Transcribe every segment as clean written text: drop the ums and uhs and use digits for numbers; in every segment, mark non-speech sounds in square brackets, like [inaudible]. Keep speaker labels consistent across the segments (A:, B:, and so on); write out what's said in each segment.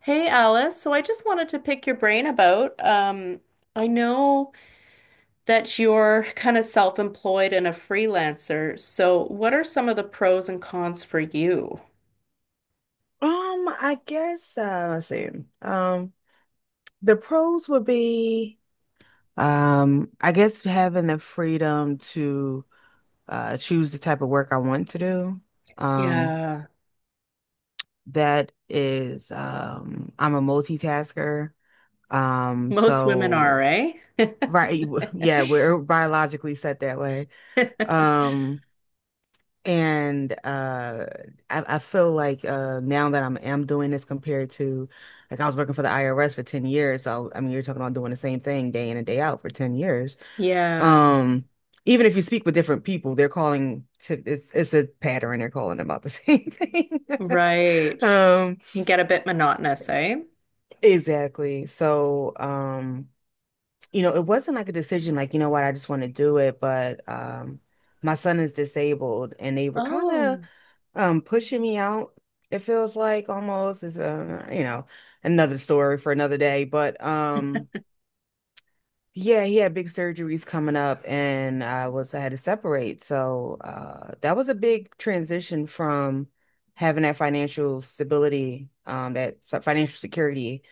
A: Hey Alice, so I just wanted to pick your brain about, I know that you're kind of self-employed and a freelancer. So what are some of the pros and cons for you?
B: I guess let's see. Um, the pros would be, I guess having the freedom to choose the type of work I want to do. Um,
A: Yeah,
B: that is, I'm a multitasker. Um,
A: most women are,
B: so
A: eh?
B: right, [laughs] yeah,
A: [laughs]
B: we're biologically set that way. Um, And I feel like now that I'm am doing this compared to like I was working for the IRS for 10 years. So I mean you're talking about doing the same thing day in and day out for 10 years.
A: Yeah,
B: Um, Even if you speak with different people, they're calling to it's a pattern, they're calling about the [laughs] same thing. [laughs]
A: right.
B: Um,
A: Can get a bit monotonous, eh?
B: exactly. So you know, it wasn't like a decision like, you know what, I just want to do it, but my son is disabled and they were kind of
A: Oh,
B: pushing me out. It feels like almost is you know, another story for another day, but yeah, he had big surgeries coming up and I had to separate, so that was a big transition from having that financial stability, that financial security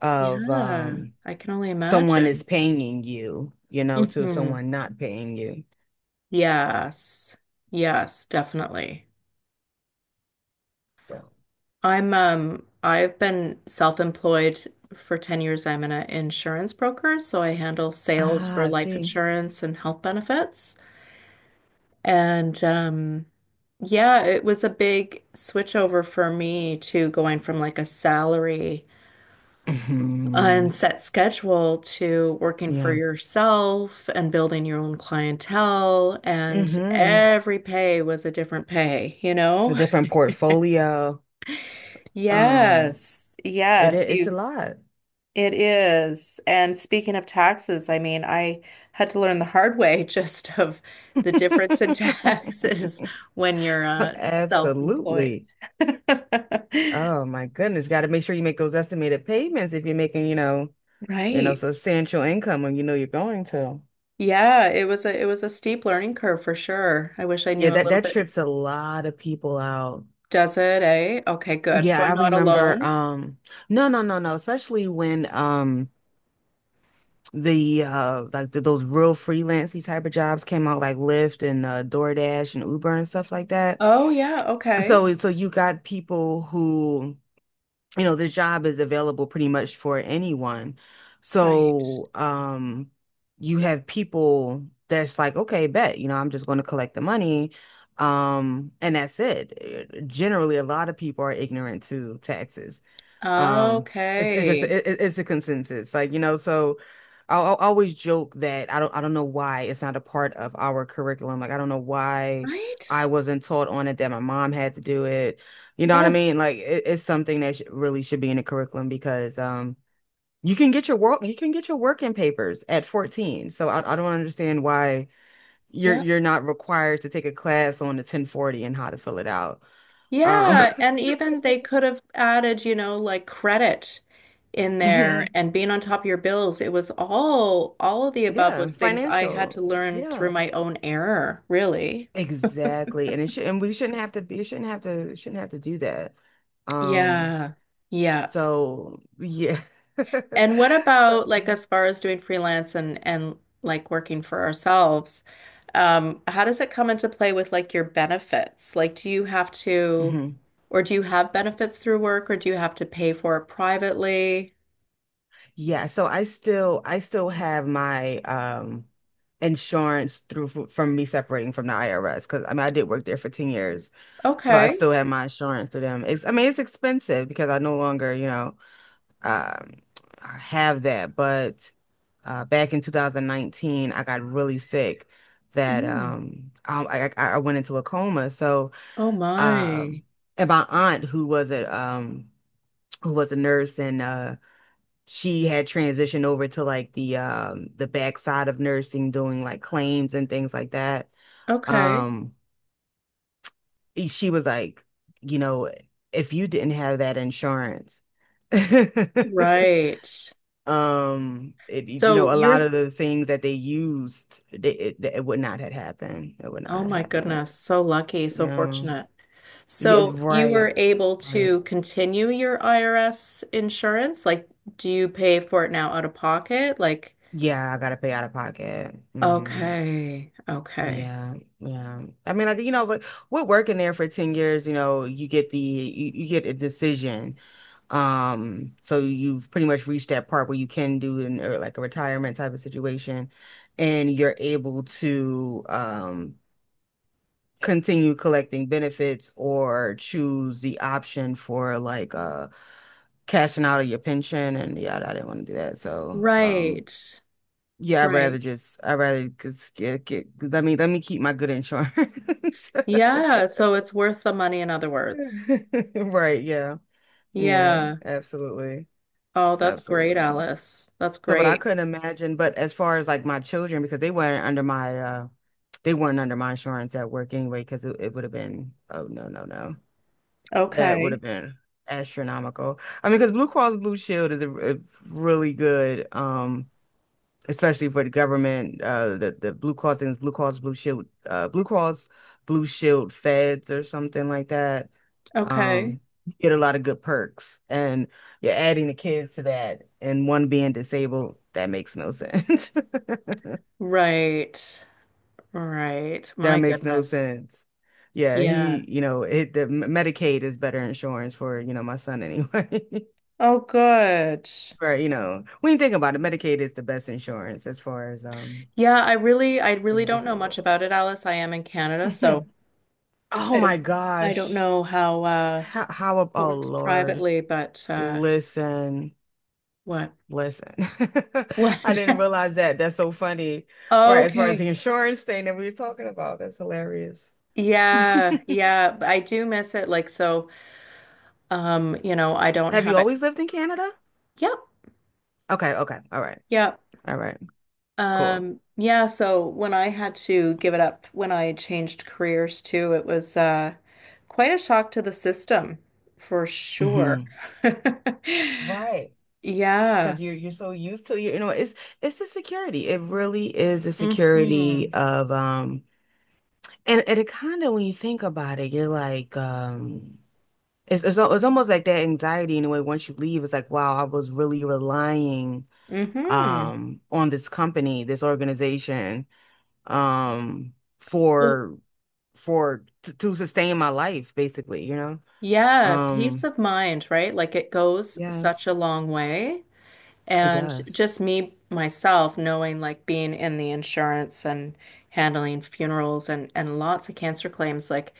B: of
A: yeah. I can only
B: someone is
A: imagine.
B: paying you, you know, to
A: Hmm
B: someone not paying you.
A: Yes. Yes, definitely.
B: So.
A: I'm I've been self-employed for 10 years. I'm an insurance broker, so I handle sales
B: Ah,
A: for
B: I
A: life
B: see.
A: insurance and health benefits. And yeah, it was a big switch over for me to going from like a salary unset
B: [clears throat]
A: schedule to working for
B: Yeah.
A: yourself and building your own clientele and
B: Hmm.
A: every pay was a different pay, you
B: A
A: know? [laughs]
B: different portfolio. Um,
A: Yes.
B: it i-
A: Yes,
B: it's a
A: you.
B: lot.
A: It is. And speaking of taxes, I mean, I had to learn the hard way [laughs] just of the difference in [laughs] taxes
B: [laughs]
A: when you're self-employed.
B: Absolutely.
A: [laughs]
B: Oh my goodness. Got to make sure you make those estimated payments if you're making, you know,
A: Right.
B: substantial income when you know you're going to.
A: Yeah, it was a steep learning curve for sure. I wish I
B: Yeah,
A: knew a
B: that
A: little
B: that
A: bit.
B: trips a lot of people out.
A: Does it, eh? Okay, good. So
B: Yeah,
A: I'm
B: I
A: not
B: remember
A: alone.
B: no, no, no, no, especially when the like those real freelancy type of jobs came out like Lyft and DoorDash and Uber and stuff like that.
A: Oh yeah, okay.
B: So you got people who, you know, the job is available pretty much for anyone.
A: Right.
B: So you have people that's like, okay, bet, you know, I'm just going to collect the money. And that's it. Generally, a lot of people are ignorant to taxes. Um, it's it's just
A: Okay.
B: it, it's a consensus, like you know. So I'll always joke that I don't know why it's not a part of our curriculum. Like I don't know why
A: Right?
B: I wasn't taught on it, that my mom had to do it. You know what I
A: Yes.
B: mean? Like it's something that sh really should be in the curriculum, because you can get your working papers at 14. So I don't understand why
A: Yeah.
B: you're not required to take a class on the 1040 and how to fill it out. Um,
A: Yeah, and
B: [laughs]
A: even they could have added, like credit in there
B: mhm.
A: and being on top of your bills. It was all of the above
B: Yeah,
A: was things I had
B: financial.
A: to learn
B: Yeah.
A: through my own error, really.
B: Exactly. And it should, and we shouldn't have to be shouldn't have to do that. Um
A: Yeah. Yeah.
B: so yeah. [laughs]
A: And what about
B: So,
A: like as far as doing freelance and like working for ourselves? How does it come into play with like your benefits? Like, do you have to
B: mhm.
A: or do you have benefits through work or do you have to pay for it privately?
B: Yeah, so I still have my insurance through from me separating from the IRS, because I mean I did work there for 10 years. So I
A: Okay.
B: still have my insurance through them. It's, I mean, it's expensive because I no longer, you know, um have that, but back in 2019 I got really sick, that
A: Mhm.
B: I went into a coma. So
A: Oh my.
B: um and my aunt, who was a nurse, and she had transitioned over to like the backside of nursing, doing like claims and things like that.
A: Okay.
B: Um she was like, you know, if you didn't have that insurance [laughs]
A: Right.
B: It, you
A: So
B: know, a lot of the things that they used, it would not have happened. It would not
A: oh
B: have
A: my
B: happened.
A: goodness, so lucky, so
B: Yeah.
A: fortunate.
B: Yeah,
A: So you were
B: right.
A: able
B: Right.
A: to continue your IRS insurance? Like, do you pay for it now out of pocket? Like,
B: Yeah, I gotta pay out of pocket. Hmm.
A: okay, okay.
B: Yeah, yeah. I mean, like, you know, but we're working there for 10 years, you know, you get the you get a decision. So you've pretty much reached that part where you can do an or like a retirement type of situation, and you're able to continue collecting benefits or choose the option for like cashing out of your pension. And yeah, I didn't want to do that. So
A: Right,
B: yeah,
A: right.
B: I'd rather just get let me keep my good insurance. [laughs]
A: Yeah, so it's worth the money, in other words.
B: Right, yeah. Yeah,
A: Yeah.
B: absolutely.
A: Oh, that's great,
B: Absolutely.
A: Alice. That's
B: So but I
A: great.
B: couldn't imagine, but as far as like my children, because they weren't under my they weren't under my insurance at work anyway, because it would have been, oh no, no, no. That would
A: Okay,
B: have been astronomical. I mean, because Blue Cross Blue Shield is a really good, especially for the government. The Blue Cross and Blue Cross Blue Shield, Blue Cross Blue Shield Feds or something like that.
A: okay.
B: Um, you get a lot of good perks, and you're adding the kids to that, and one being disabled, that makes no sense. [laughs]
A: Right. Right.
B: That
A: My
B: makes no
A: goodness.
B: sense. Yeah,
A: Yeah.
B: he, you know, it the Medicaid is better insurance for, you know, my son anyway. [laughs]
A: Oh, good.
B: Or, you know, when you think about it, Medicaid is the best insurance as far as
A: Yeah, I really
B: being
A: don't know much
B: disabled.
A: about it, Alice. I am in Canada,
B: [laughs]
A: so
B: Oh
A: I don't
B: my
A: I don't
B: gosh.
A: know how it
B: Oh
A: works
B: Lord.
A: privately, but
B: Listen,
A: what?
B: listen. [laughs]
A: What?
B: I didn't
A: [laughs]
B: realize that. That's so funny. Right, as far as the
A: Okay.
B: insurance thing that we were talking about, that's hilarious. [laughs] Have
A: Yeah, yeah, but I do miss it like so you know, I don't
B: you
A: have it.
B: always lived in Canada?
A: Yep.
B: Okay, okay. All right.
A: Yep.
B: All right. Cool.
A: Yeah, so when I had to give it up when I changed careers too, it was quite a shock to the system, for sure.
B: Hmm.
A: [laughs]
B: Right.
A: Yeah.
B: Because you're so used to, you know, it's the security, it really is the
A: hmm
B: security of, and it kind of, when you think about it, you're like, it's almost like that anxiety in a way. Once you leave, it's like, wow, I was really relying
A: hmm
B: on this company, this organization, um for to sustain my life basically, you know.
A: Yeah, peace
B: um
A: of mind, right? Like it goes such a
B: yes,
A: long way.
B: it
A: And
B: does.
A: just me, myself, knowing like being in the insurance and handling funerals and lots of cancer claims, like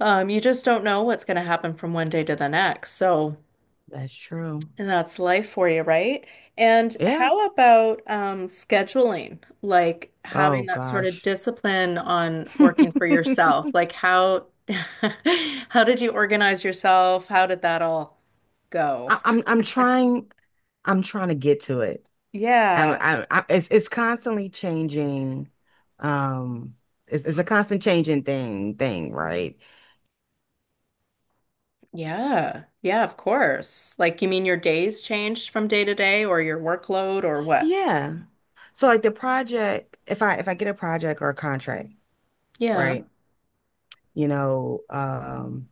A: you just don't know what's going to happen from one day to the next. So
B: That's true.
A: and that's life for you, right? And
B: Yeah.
A: how about scheduling? Like
B: Oh
A: having that sort of
B: gosh.
A: discipline on
B: [laughs]
A: working for
B: I,
A: yourself. Like how [laughs] how did you organize yourself? How did that all go?
B: I'm trying, I'm trying to get to it.
A: Yeah.
B: I, it's constantly changing. Um, it's a constant changing thing, right?
A: Yeah. Yeah, of course. Like you mean your days changed from day to day or your workload or what?
B: Yeah. So like the project, if I get a project or a contract,
A: Yeah.
B: right? You know,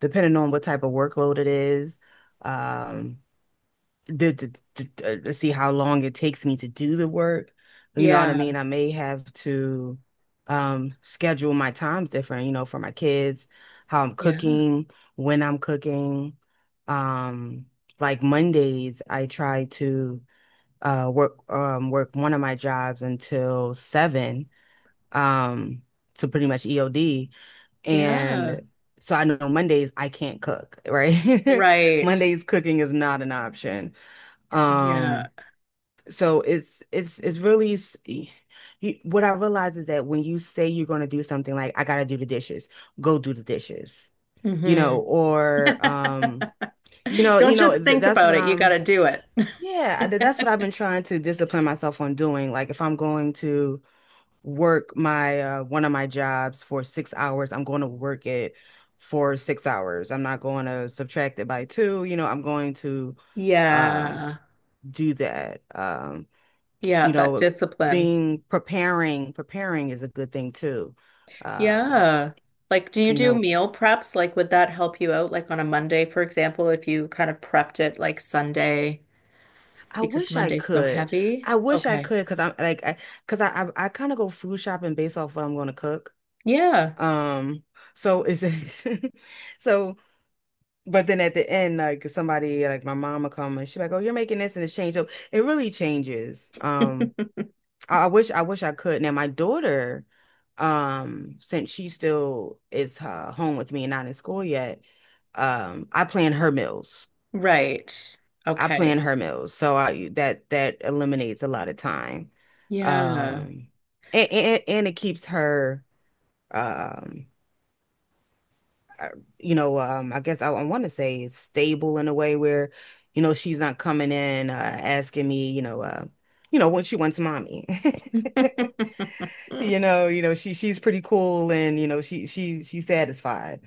B: depending on what type of workload it is, um, the, to see how long it takes me to do the work. You know what I
A: Yeah.
B: mean? I may have to schedule my times different, you know, for my kids, how I'm
A: Yeah.
B: cooking, when I'm cooking. Um, like Mondays, I try to work one of my jobs until seven, um, so pretty much EOD.
A: Yeah.
B: And so I know Mondays I can't cook, right? [laughs]
A: Right.
B: Mondays cooking is not an option.
A: Yeah.
B: Um, so it's really s- y- y- What I realize is that when you say you're going to do something, like I gotta do the dishes, go do the dishes, you
A: hmm
B: know, or
A: [laughs] [laughs]
B: you
A: Don't
B: know,
A: just
B: th
A: think
B: that's
A: about
B: what
A: it. You got to do it.
B: yeah, that's what I've been
A: [laughs]
B: trying to discipline myself on doing. Like if I'm going to work my one of my jobs for 6 hours, I'm going to work it for 6 hours. I'm not going to subtract it by two, you know, I'm going to um
A: Yeah.
B: do that.
A: Yeah,
B: You
A: that
B: know,
A: discipline.
B: being preparing, preparing is a good thing too. Um,
A: Yeah. Like, do you
B: you
A: do
B: know,
A: meal preps? Like, would that help you out? Like on a Monday, for example, if you kind of prepped it like Sunday,
B: I
A: because
B: wish I
A: Monday's so
B: could.
A: heavy.
B: I wish I
A: Okay.
B: could, because I'm like, I because I kind of go food shopping based off what I'm going to cook.
A: Yeah.
B: Um, so it's [laughs] so, but then at the end, like somebody like my mama come and she like, oh, you're making this, and it's changed. So it really changes. I wish, I could. Now my daughter, since she still is home with me and not in school yet, I plan her meals.
A: Right.
B: I plan
A: Okay.
B: her meals, so I that eliminates a lot of time,
A: Yeah.
B: um, and and it keeps her, um, uh, you know, I guess I want to say stable in a way where, you know, she's not coming in asking me, you know, what she wants, mommy. [laughs]
A: [laughs]
B: You know, you know, she's pretty cool, and you know, she's satisfied.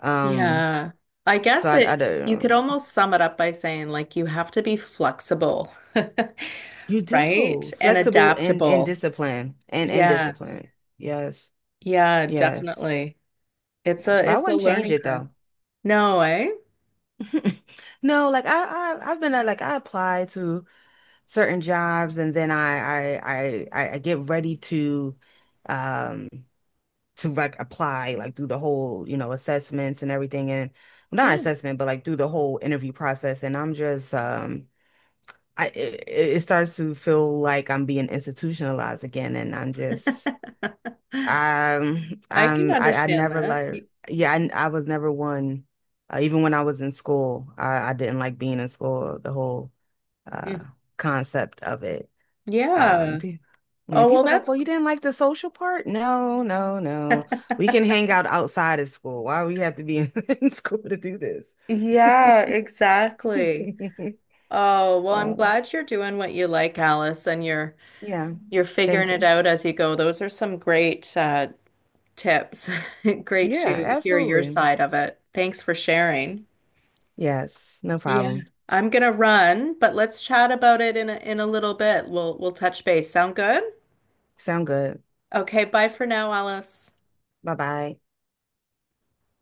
B: Um,
A: Yeah. I
B: so
A: guess
B: I I
A: it, you could
B: don't.
A: almost sum it up by saying, like, you have to be flexible,
B: You
A: [laughs] right?
B: do.
A: And
B: Flexible and
A: adaptable.
B: discipline, and
A: Yes.
B: discipline. Yes.
A: Yeah,
B: Yes.
A: definitely. It's
B: Yeah.
A: a
B: But I
A: it's a
B: wouldn't change
A: learning
B: it
A: curve.
B: though.
A: No, eh?
B: [laughs] No, like I've been like I apply to certain jobs, and then I get ready to um like apply, like through the whole, you know, assessments and everything, and not
A: Yeah.
B: assessment, but like through the whole interview process. And I'm just I, it starts to feel like I'm being institutionalized again, and I'm just
A: [gasps] I can
B: I
A: understand
B: never
A: that.
B: like,
A: Y-
B: yeah, I was never one even when I was in school, I didn't like being in school, the whole uh
A: mm,
B: concept of it. Um,
A: yeah.
B: pe- yeah,
A: Oh, well,
B: people's like,
A: that's
B: well, you didn't like the social part? No, no, no. We
A: [laughs]
B: can hang out outside of school. Why we have to be in, [laughs] in school to do this? [laughs]
A: yeah, exactly. Oh, well, I'm
B: So,
A: glad you're doing what you like, Alice, and
B: yeah,
A: you're figuring
B: thank
A: it
B: you.
A: out as you go. Those are some great tips. [laughs] Great
B: Yeah,
A: to hear your
B: absolutely.
A: side of it. Thanks for sharing.
B: Yes, no
A: Yeah.
B: problem.
A: I'm gonna run, but let's chat about it in a little bit. We'll touch base. Sound good?
B: Sound good.
A: Okay, bye for now, Alice.
B: Bye bye.